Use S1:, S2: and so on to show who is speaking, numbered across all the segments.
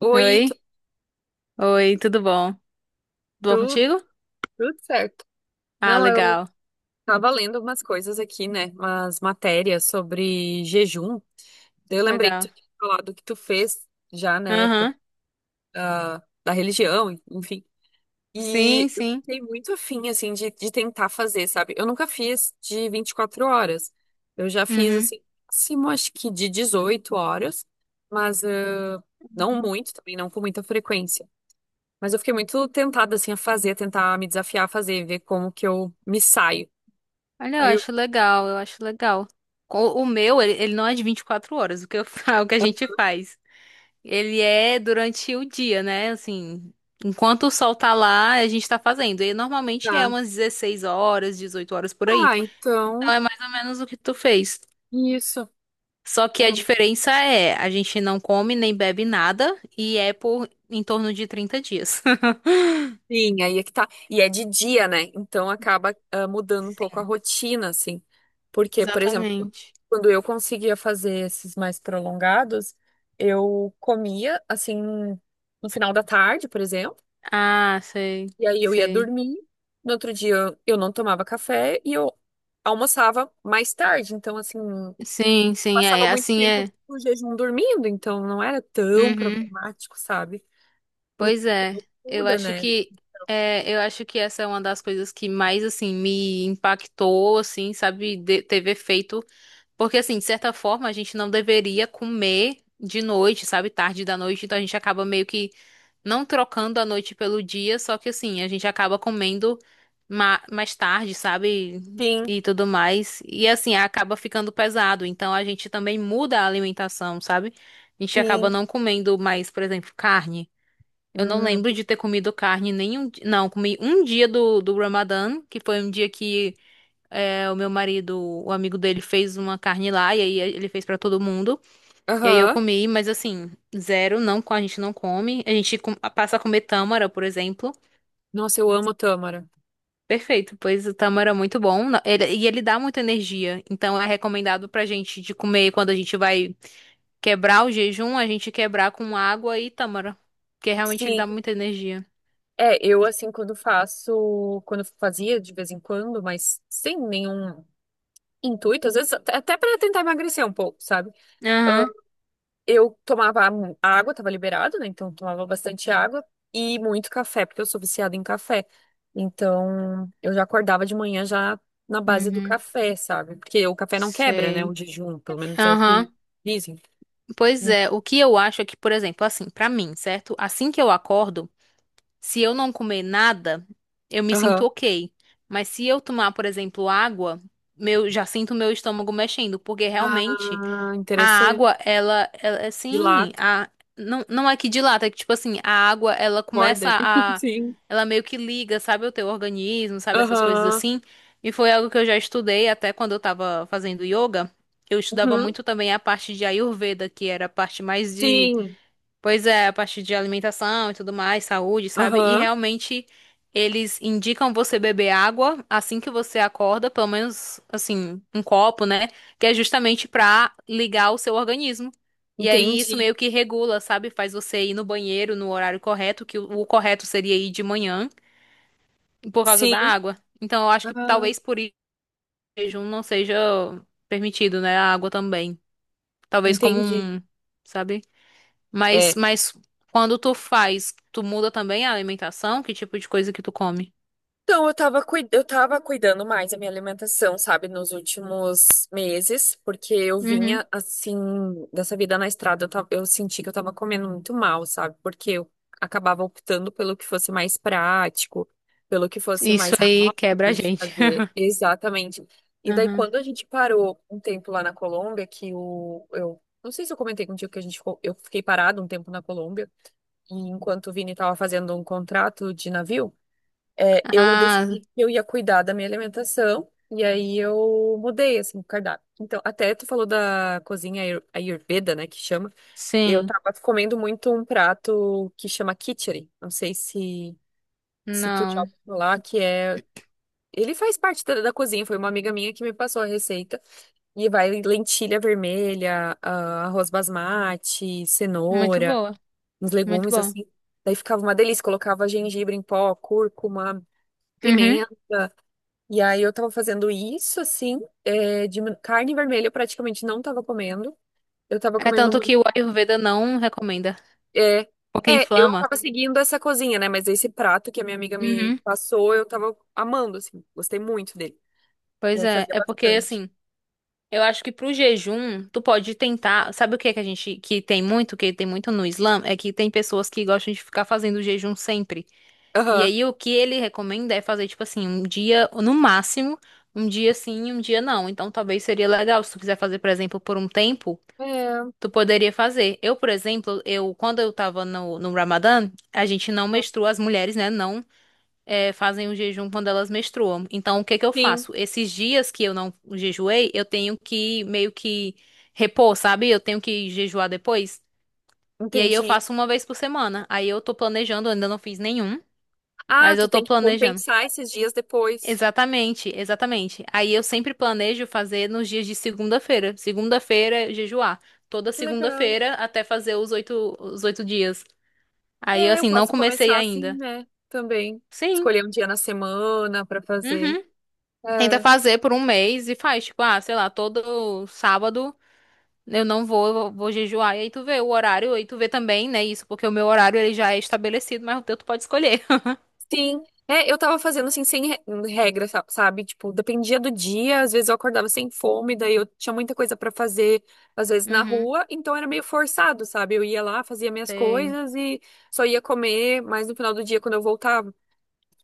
S1: Oi,
S2: Oi? Oi, tudo bom? Tudo bom
S1: tudo,
S2: contigo?
S1: tudo certo.
S2: Ah,
S1: Não, eu
S2: legal,
S1: tava lendo umas coisas aqui, né? Umas matérias sobre jejum. Daí eu lembrei que
S2: legal.
S1: tu tinha falado que tu fez já, né? Por,
S2: Aham.
S1: da religião, enfim.
S2: Sim,
S1: E eu
S2: sim.
S1: fiquei muito afim, assim, de tentar fazer, sabe? Eu nunca fiz de 24 horas. Eu já fiz,
S2: Uhum.
S1: assim, máximo, acho que de 18 horas, mas não muito também, não com muita frequência. Mas eu fiquei muito tentada, assim, a fazer, tentar me desafiar a fazer, ver como que eu me saio.
S2: Olha, eu
S1: Aí eu,
S2: acho legal, eu acho legal. O meu, ele não é de 24 horas, o que o que a gente
S1: ah,
S2: faz. Ele é durante o dia, né? Assim, enquanto o sol tá lá, a gente tá fazendo. E normalmente é
S1: tá.
S2: umas 16 horas, 18 horas por aí.
S1: Ah, então,
S2: Então é mais ou menos o que tu fez.
S1: isso.
S2: Só que a
S1: É.
S2: diferença é, a gente não come nem bebe nada e é por em torno de 30 dias.
S1: Sim, aí é que tá. E é de dia, né? Então acaba mudando um pouco a
S2: Sim,
S1: rotina, assim. Porque, por exemplo,
S2: exatamente.
S1: quando eu conseguia fazer esses mais prolongados, eu comia, assim, no final da tarde, por exemplo,
S2: Ah, sei,
S1: e aí eu ia
S2: sei.
S1: dormir. No outro dia eu não tomava café e eu almoçava mais tarde. Então, assim,
S2: Sim, sim,
S1: passava
S2: é.
S1: muito
S2: Assim
S1: tempo
S2: é.
S1: no jejum dormindo, então não era tão
S2: Uhum.
S1: problemático, sabe? O
S2: Pois é,
S1: tempo
S2: eu
S1: muda,
S2: acho
S1: né?
S2: que eu acho que essa é uma das coisas que mais assim me impactou, assim, sabe, teve efeito, porque assim, de certa forma, a gente não deveria comer de noite, sabe, tarde da noite, então a gente acaba meio que não trocando a noite pelo dia, só que assim, a gente acaba comendo mais tarde, sabe?
S1: Sim,
S2: E tudo mais. E assim, acaba ficando pesado. Então a gente também muda a alimentação, sabe? A gente acaba
S1: sim.
S2: não comendo mais, por exemplo, carne. Eu não
S1: Hum.
S2: lembro de ter comido carne nenhum. Não, comi um dia do Ramadã, que foi um dia que é, o meu marido, o amigo dele, fez uma carne lá, e aí ele fez pra todo mundo. E aí eu
S1: Aham.
S2: comi, mas assim, zero, não, a gente não come. A gente passa a comer tâmara, por exemplo.
S1: Nossa, eu amo tâmara.
S2: Perfeito, pois o tâmara é muito bom. E ele dá muita energia. Então é recomendado pra gente de comer quando a gente vai quebrar o jejum, a gente quebrar com água e tâmara. Porque realmente ele
S1: Sim.
S2: dá muita energia.
S1: É, eu assim, quando faço, quando fazia de vez em quando, mas sem nenhum intuito, às vezes até para tentar emagrecer um pouco, sabe?
S2: Aham.
S1: Eu tomava água, tava liberado, né? Então eu tomava bastante água e muito café, porque eu sou viciada em café. Então eu já acordava de manhã já na base do
S2: Uhum.
S1: café, sabe? Porque o café não quebra, né?
S2: Sei.
S1: O jejum, pelo menos é o que
S2: Aham.
S1: dizem.
S2: Pois
S1: Hum.
S2: é, o que eu acho é que, por exemplo, assim, pra mim, certo? Assim que eu acordo. Se eu não comer nada, eu me sinto
S1: Aham.
S2: ok. Mas se eu tomar, por exemplo, água, meu, já sinto meu estômago mexendo, porque realmente
S1: Ah,
S2: a
S1: interessante.
S2: água, ela é assim,
S1: Dilata,
S2: não, não é que dilata, é que tipo assim, a água, ela
S1: borda
S2: começa
S1: ele.
S2: a,
S1: Sim.
S2: ela meio que liga, sabe, o teu organismo, sabe, essas coisas
S1: Aham.
S2: assim. E foi algo que eu já estudei até quando eu tava fazendo yoga. Eu estudava
S1: Uhum.
S2: muito também a parte de Ayurveda, que era a parte mais de...
S1: Sim.
S2: Pois é, a partir de alimentação e tudo mais, saúde, sabe? E
S1: Aham.
S2: realmente eles indicam você beber água assim que você acorda, pelo menos assim, um copo, né? Que é justamente pra ligar o seu organismo. E aí isso
S1: Entendi.
S2: meio que regula, sabe? Faz você ir no banheiro no horário correto, que o correto seria ir de manhã, por causa da
S1: Sim.
S2: água. Então eu acho que
S1: Ah,
S2: talvez por isso o jejum não seja permitido, né? A água também. Talvez como
S1: entendi.
S2: um, sabe? Mas,
S1: É.
S2: mas quando tu faz, tu muda também a alimentação? Que tipo de coisa que tu come?
S1: Então, eu tava cuidando mais da minha alimentação, sabe, nos últimos meses, porque eu
S2: Uhum.
S1: vinha, assim, dessa vida na estrada, eu senti que eu tava comendo muito mal, sabe, porque eu acabava optando pelo que fosse mais prático, pelo que fosse
S2: Isso
S1: mais
S2: aí quebra a
S1: rápido de
S2: gente.
S1: fazer, exatamente. E daí,
S2: Uhum.
S1: quando a gente parou um tempo lá na Colômbia, não sei se eu comentei contigo que a gente ficou, eu fiquei parado um tempo na Colômbia, e enquanto o Vini tava fazendo um contrato de navio, é, eu decidi
S2: Ah,
S1: que eu ia cuidar da minha alimentação e aí eu mudei assim o cardápio. Então, até tu falou da cozinha Ayurveda, né, que chama. Eu
S2: sim.
S1: tava comendo muito um prato que chama khichdi. Não sei se tu já
S2: Não.
S1: ouviu falar, que é ele faz parte da cozinha, foi uma amiga minha que me passou a receita. E vai lentilha vermelha, ah, arroz basmati,
S2: Muito
S1: cenoura,
S2: boa.
S1: uns
S2: Muito
S1: legumes
S2: bom.
S1: assim. Daí ficava uma delícia, colocava gengibre em pó, cúrcuma,
S2: Uhum.
S1: pimenta e aí eu tava fazendo isso, assim, é, de carne vermelha eu praticamente não tava comendo. Eu tava
S2: É
S1: comendo
S2: tanto
S1: muito.
S2: que o Ayurveda não recomenda,
S1: É,
S2: porque
S1: é, eu não
S2: inflama.
S1: tava seguindo essa cozinha, né? Mas esse prato que a minha amiga me
S2: Uhum.
S1: passou, eu tava amando, assim, gostei muito dele. E
S2: Pois
S1: aí
S2: é,
S1: fazia
S2: é porque
S1: bastante.
S2: assim, eu acho que pro jejum, tu pode tentar, sabe o que é que a gente que tem muito no Islã, é que tem pessoas que gostam de ficar fazendo jejum sempre. E
S1: Aham.
S2: aí o que ele recomenda é fazer, tipo assim, um dia, no máximo, um dia sim, um dia não. Então talvez seria legal, se tu quiser fazer, por exemplo, por um tempo,
S1: É,
S2: tu poderia fazer. Eu, por exemplo, eu quando eu tava no Ramadã, a gente não menstrua, as mulheres, né, não fazem o jejum quando elas menstruam. Então o que que eu
S1: sim,
S2: faço? Esses dias que eu não jejuei, eu tenho que meio que repor, sabe? Eu tenho que jejuar depois. E aí eu
S1: entendi.
S2: faço uma vez por semana. Aí eu tô planejando, eu ainda não fiz nenhum,
S1: Ah,
S2: mas
S1: tu
S2: eu tô
S1: tem que
S2: planejando.
S1: compensar esses dias depois.
S2: Exatamente, exatamente. Aí eu sempre planejo fazer nos dias de segunda-feira. Segunda-feira, é jejuar. Toda
S1: Que legal.
S2: segunda-feira até fazer 8 dias. Aí,
S1: É, eu
S2: assim, não
S1: posso
S2: comecei
S1: começar assim,
S2: ainda.
S1: né? Também.
S2: Sim.
S1: Escolher um dia na semana pra fazer.
S2: Uhum. Tenta
S1: É.
S2: fazer por um mês e faz, tipo, ah, sei lá, todo sábado eu não vou, eu vou jejuar. E aí tu vê o horário, aí tu vê também, né, isso, porque o meu horário ele já é estabelecido, mas o teu tu pode escolher.
S1: Sim, é, eu tava fazendo assim, sem re- regra, sabe? Tipo, dependia do dia, às vezes eu acordava sem fome, daí eu tinha muita coisa pra fazer, às vezes na
S2: Uhum.
S1: rua, então era meio forçado, sabe? Eu ia lá, fazia minhas
S2: Sei,
S1: coisas e só ia comer mais no final do dia quando eu voltava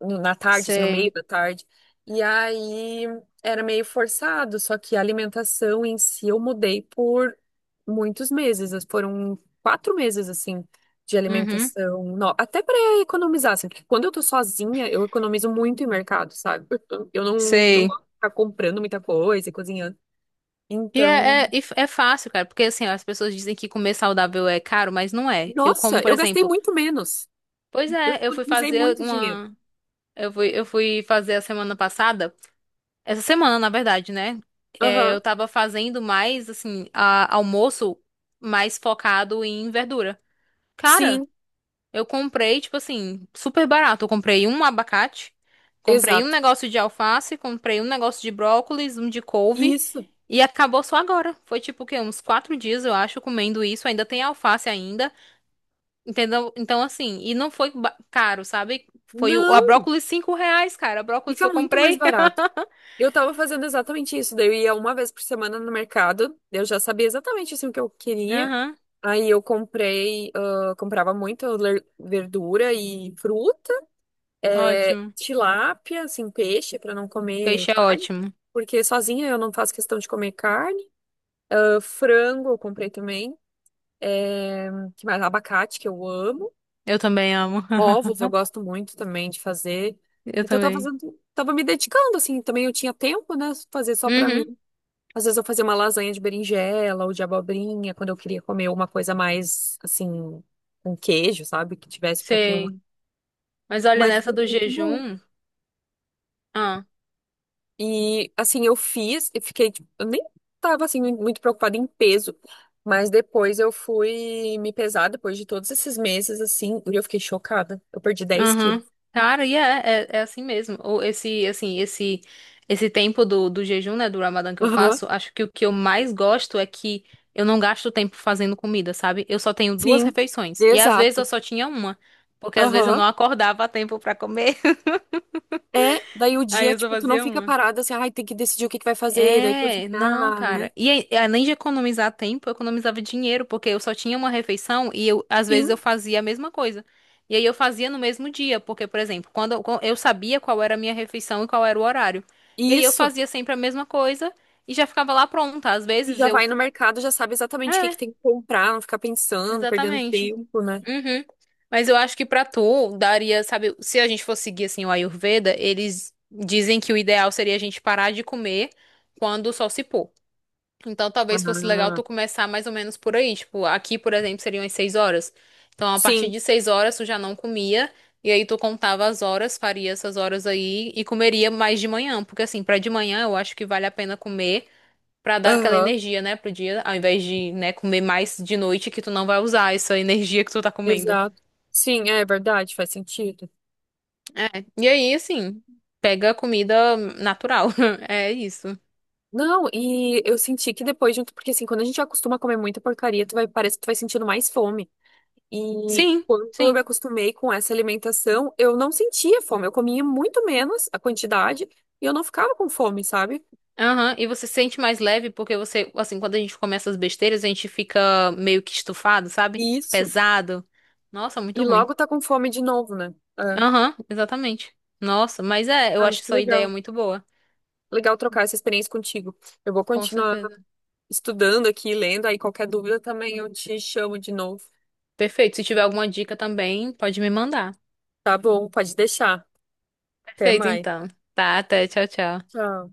S1: na tarde, assim, no
S2: sei.
S1: meio da tarde. E aí era meio forçado, só que a alimentação em si eu mudei por muitos meses, foram 4 meses, assim, de
S2: Uhum.
S1: alimentação, até para economizar, assim, porque quando eu tô sozinha, eu economizo muito em mercado, sabe? Eu não, Não
S2: Sei.
S1: gosto de ficar comprando muita coisa e cozinhando.
S2: E
S1: Então,
S2: é, é, é fácil, cara, porque assim, ó, as pessoas dizem que comer saudável é caro, mas não é. Eu como,
S1: nossa,
S2: por
S1: eu gastei
S2: exemplo,
S1: muito menos.
S2: pois
S1: Eu
S2: é, eu fui
S1: economizei
S2: fazer
S1: muito dinheiro.
S2: uma. Eu fui fazer a semana passada, essa semana, na verdade, né? É,
S1: Aham.
S2: eu tava fazendo mais, assim, almoço mais focado em verdura. Cara,
S1: Sim,
S2: eu comprei, tipo assim, super barato. Eu comprei um abacate, comprei um
S1: exato.
S2: negócio de alface, comprei um negócio de brócolis, um de couve
S1: Isso.
S2: e acabou só agora. Foi tipo o quê? Uns 4 dias, eu acho, comendo isso. Ainda tem alface ainda, entendeu? Então, assim, e não foi caro, sabe? Foi o, a
S1: Não,
S2: brócolis R$ 5, cara. A brócolis que
S1: fica
S2: eu
S1: muito mais
S2: comprei.
S1: barato. Eu tava fazendo exatamente isso. Daí eu ia uma vez por semana no mercado. Eu já sabia exatamente assim, o que eu queria.
S2: Aham,
S1: Aí eu comprei, ah, comprava muito verdura e fruta, é,
S2: ótimo.
S1: tilápia, assim, peixe, para não comer
S2: Peixe é
S1: carne,
S2: ótimo.
S1: porque sozinha eu não faço questão de comer carne. Ah, frango eu comprei também, é, que mais? Abacate, que eu amo.
S2: Eu também amo.
S1: Ovos eu gosto muito também de fazer.
S2: Eu
S1: Então eu tava
S2: também.
S1: fazendo, tava me dedicando, assim, também eu tinha tempo, né, fazer só para mim.
S2: Uhum,
S1: Às vezes eu fazia uma lasanha de berinjela ou de abobrinha, quando eu queria comer uma coisa mais, assim, com queijo, sabe? Que tivesse um pouquinho
S2: sei. Mas olha,
S1: mais.
S2: nessa
S1: Ficou
S2: do
S1: muito bom.
S2: jejum... ah,
S1: E, assim, eu fiz e fiquei, tipo, eu nem tava, assim, muito preocupada em peso. Mas depois eu fui me pesar, depois de todos esses meses, assim, e eu fiquei chocada. Eu perdi 10 quilos.
S2: Aham. Cara, e é assim mesmo. Ou esse, assim, esse tempo do jejum, né, do Ramadã que eu
S1: Aham,
S2: faço, acho que o que eu mais gosto é que eu não gasto tempo fazendo comida, sabe? Eu só tenho duas
S1: sim,
S2: refeições. E às vezes eu
S1: exato.
S2: só tinha uma, porque às vezes eu
S1: Aham.
S2: não acordava a tempo pra comer.
S1: É, daí o
S2: Aí
S1: dia,
S2: eu só
S1: tipo, tu não
S2: fazia
S1: fica
S2: uma.
S1: parada assim, ai, tem que decidir o que que vai fazer, daí
S2: É, não,
S1: cozinhar, né?
S2: cara. E aí, além de economizar tempo, eu economizava dinheiro, porque eu só tinha uma refeição e às
S1: Sim,
S2: vezes eu fazia a mesma coisa. E aí eu fazia no mesmo dia, porque, por exemplo, quando eu sabia qual era a minha refeição e qual era o horário. E aí eu
S1: isso.
S2: fazia sempre a mesma coisa e já ficava lá pronta. Às
S1: E
S2: vezes
S1: já
S2: eu...
S1: vai no mercado, já sabe exatamente o que que
S2: É,
S1: tem que comprar, não ficar pensando, perdendo
S2: exatamente.
S1: tempo, né?
S2: Uhum. Mas eu acho que pra tu daria, sabe, se a gente fosse seguir assim o Ayurveda, eles dizem que o ideal seria a gente parar de comer quando o sol se pôr. Então, talvez fosse legal tu
S1: Aham.
S2: começar mais ou menos por aí. Tipo, aqui, por exemplo, seriam as 6 horas. Então, a partir
S1: Sim,
S2: de 6 horas, tu já não comia. E aí, tu contava as horas, faria essas horas aí e comeria mais de manhã. Porque, assim, pra de manhã, eu acho que vale a pena comer pra dar aquela
S1: aham,
S2: energia, né, pro dia, ao invés de, né, comer mais de noite que tu não vai usar essa energia que tu tá comendo.
S1: exato. Sim, é verdade, faz sentido.
S2: É. E aí, assim, pega comida natural. É isso.
S1: Não, e eu senti que depois, junto, porque assim, quando a gente já acostuma a comer muita porcaria, tu vai, parece que tu vai sentindo mais fome. E
S2: Sim,
S1: quando eu me
S2: sim.
S1: acostumei com essa alimentação, eu não sentia fome, eu comia muito menos a quantidade e eu não ficava com fome, sabe?
S2: Aham, e você se sente mais leve porque você, assim, quando a gente come essas besteiras, a gente fica meio que estufado, sabe?
S1: Isso.
S2: Pesado. Nossa,
S1: E
S2: muito ruim.
S1: logo tá com fome de novo, né? É.
S2: Aham, exatamente. Nossa, mas é, eu
S1: Ah, mas
S2: acho
S1: que
S2: sua ideia
S1: legal.
S2: muito boa.
S1: Legal trocar essa experiência contigo. Eu vou
S2: Com
S1: continuar
S2: certeza.
S1: estudando aqui, lendo, aí qualquer dúvida também eu te chamo de novo.
S2: Perfeito. Se tiver alguma dica também, pode me mandar.
S1: Tá bom, pode deixar. Até
S2: Perfeito,
S1: mais.
S2: então. Tá, até. Tchau, tchau.
S1: Tchau.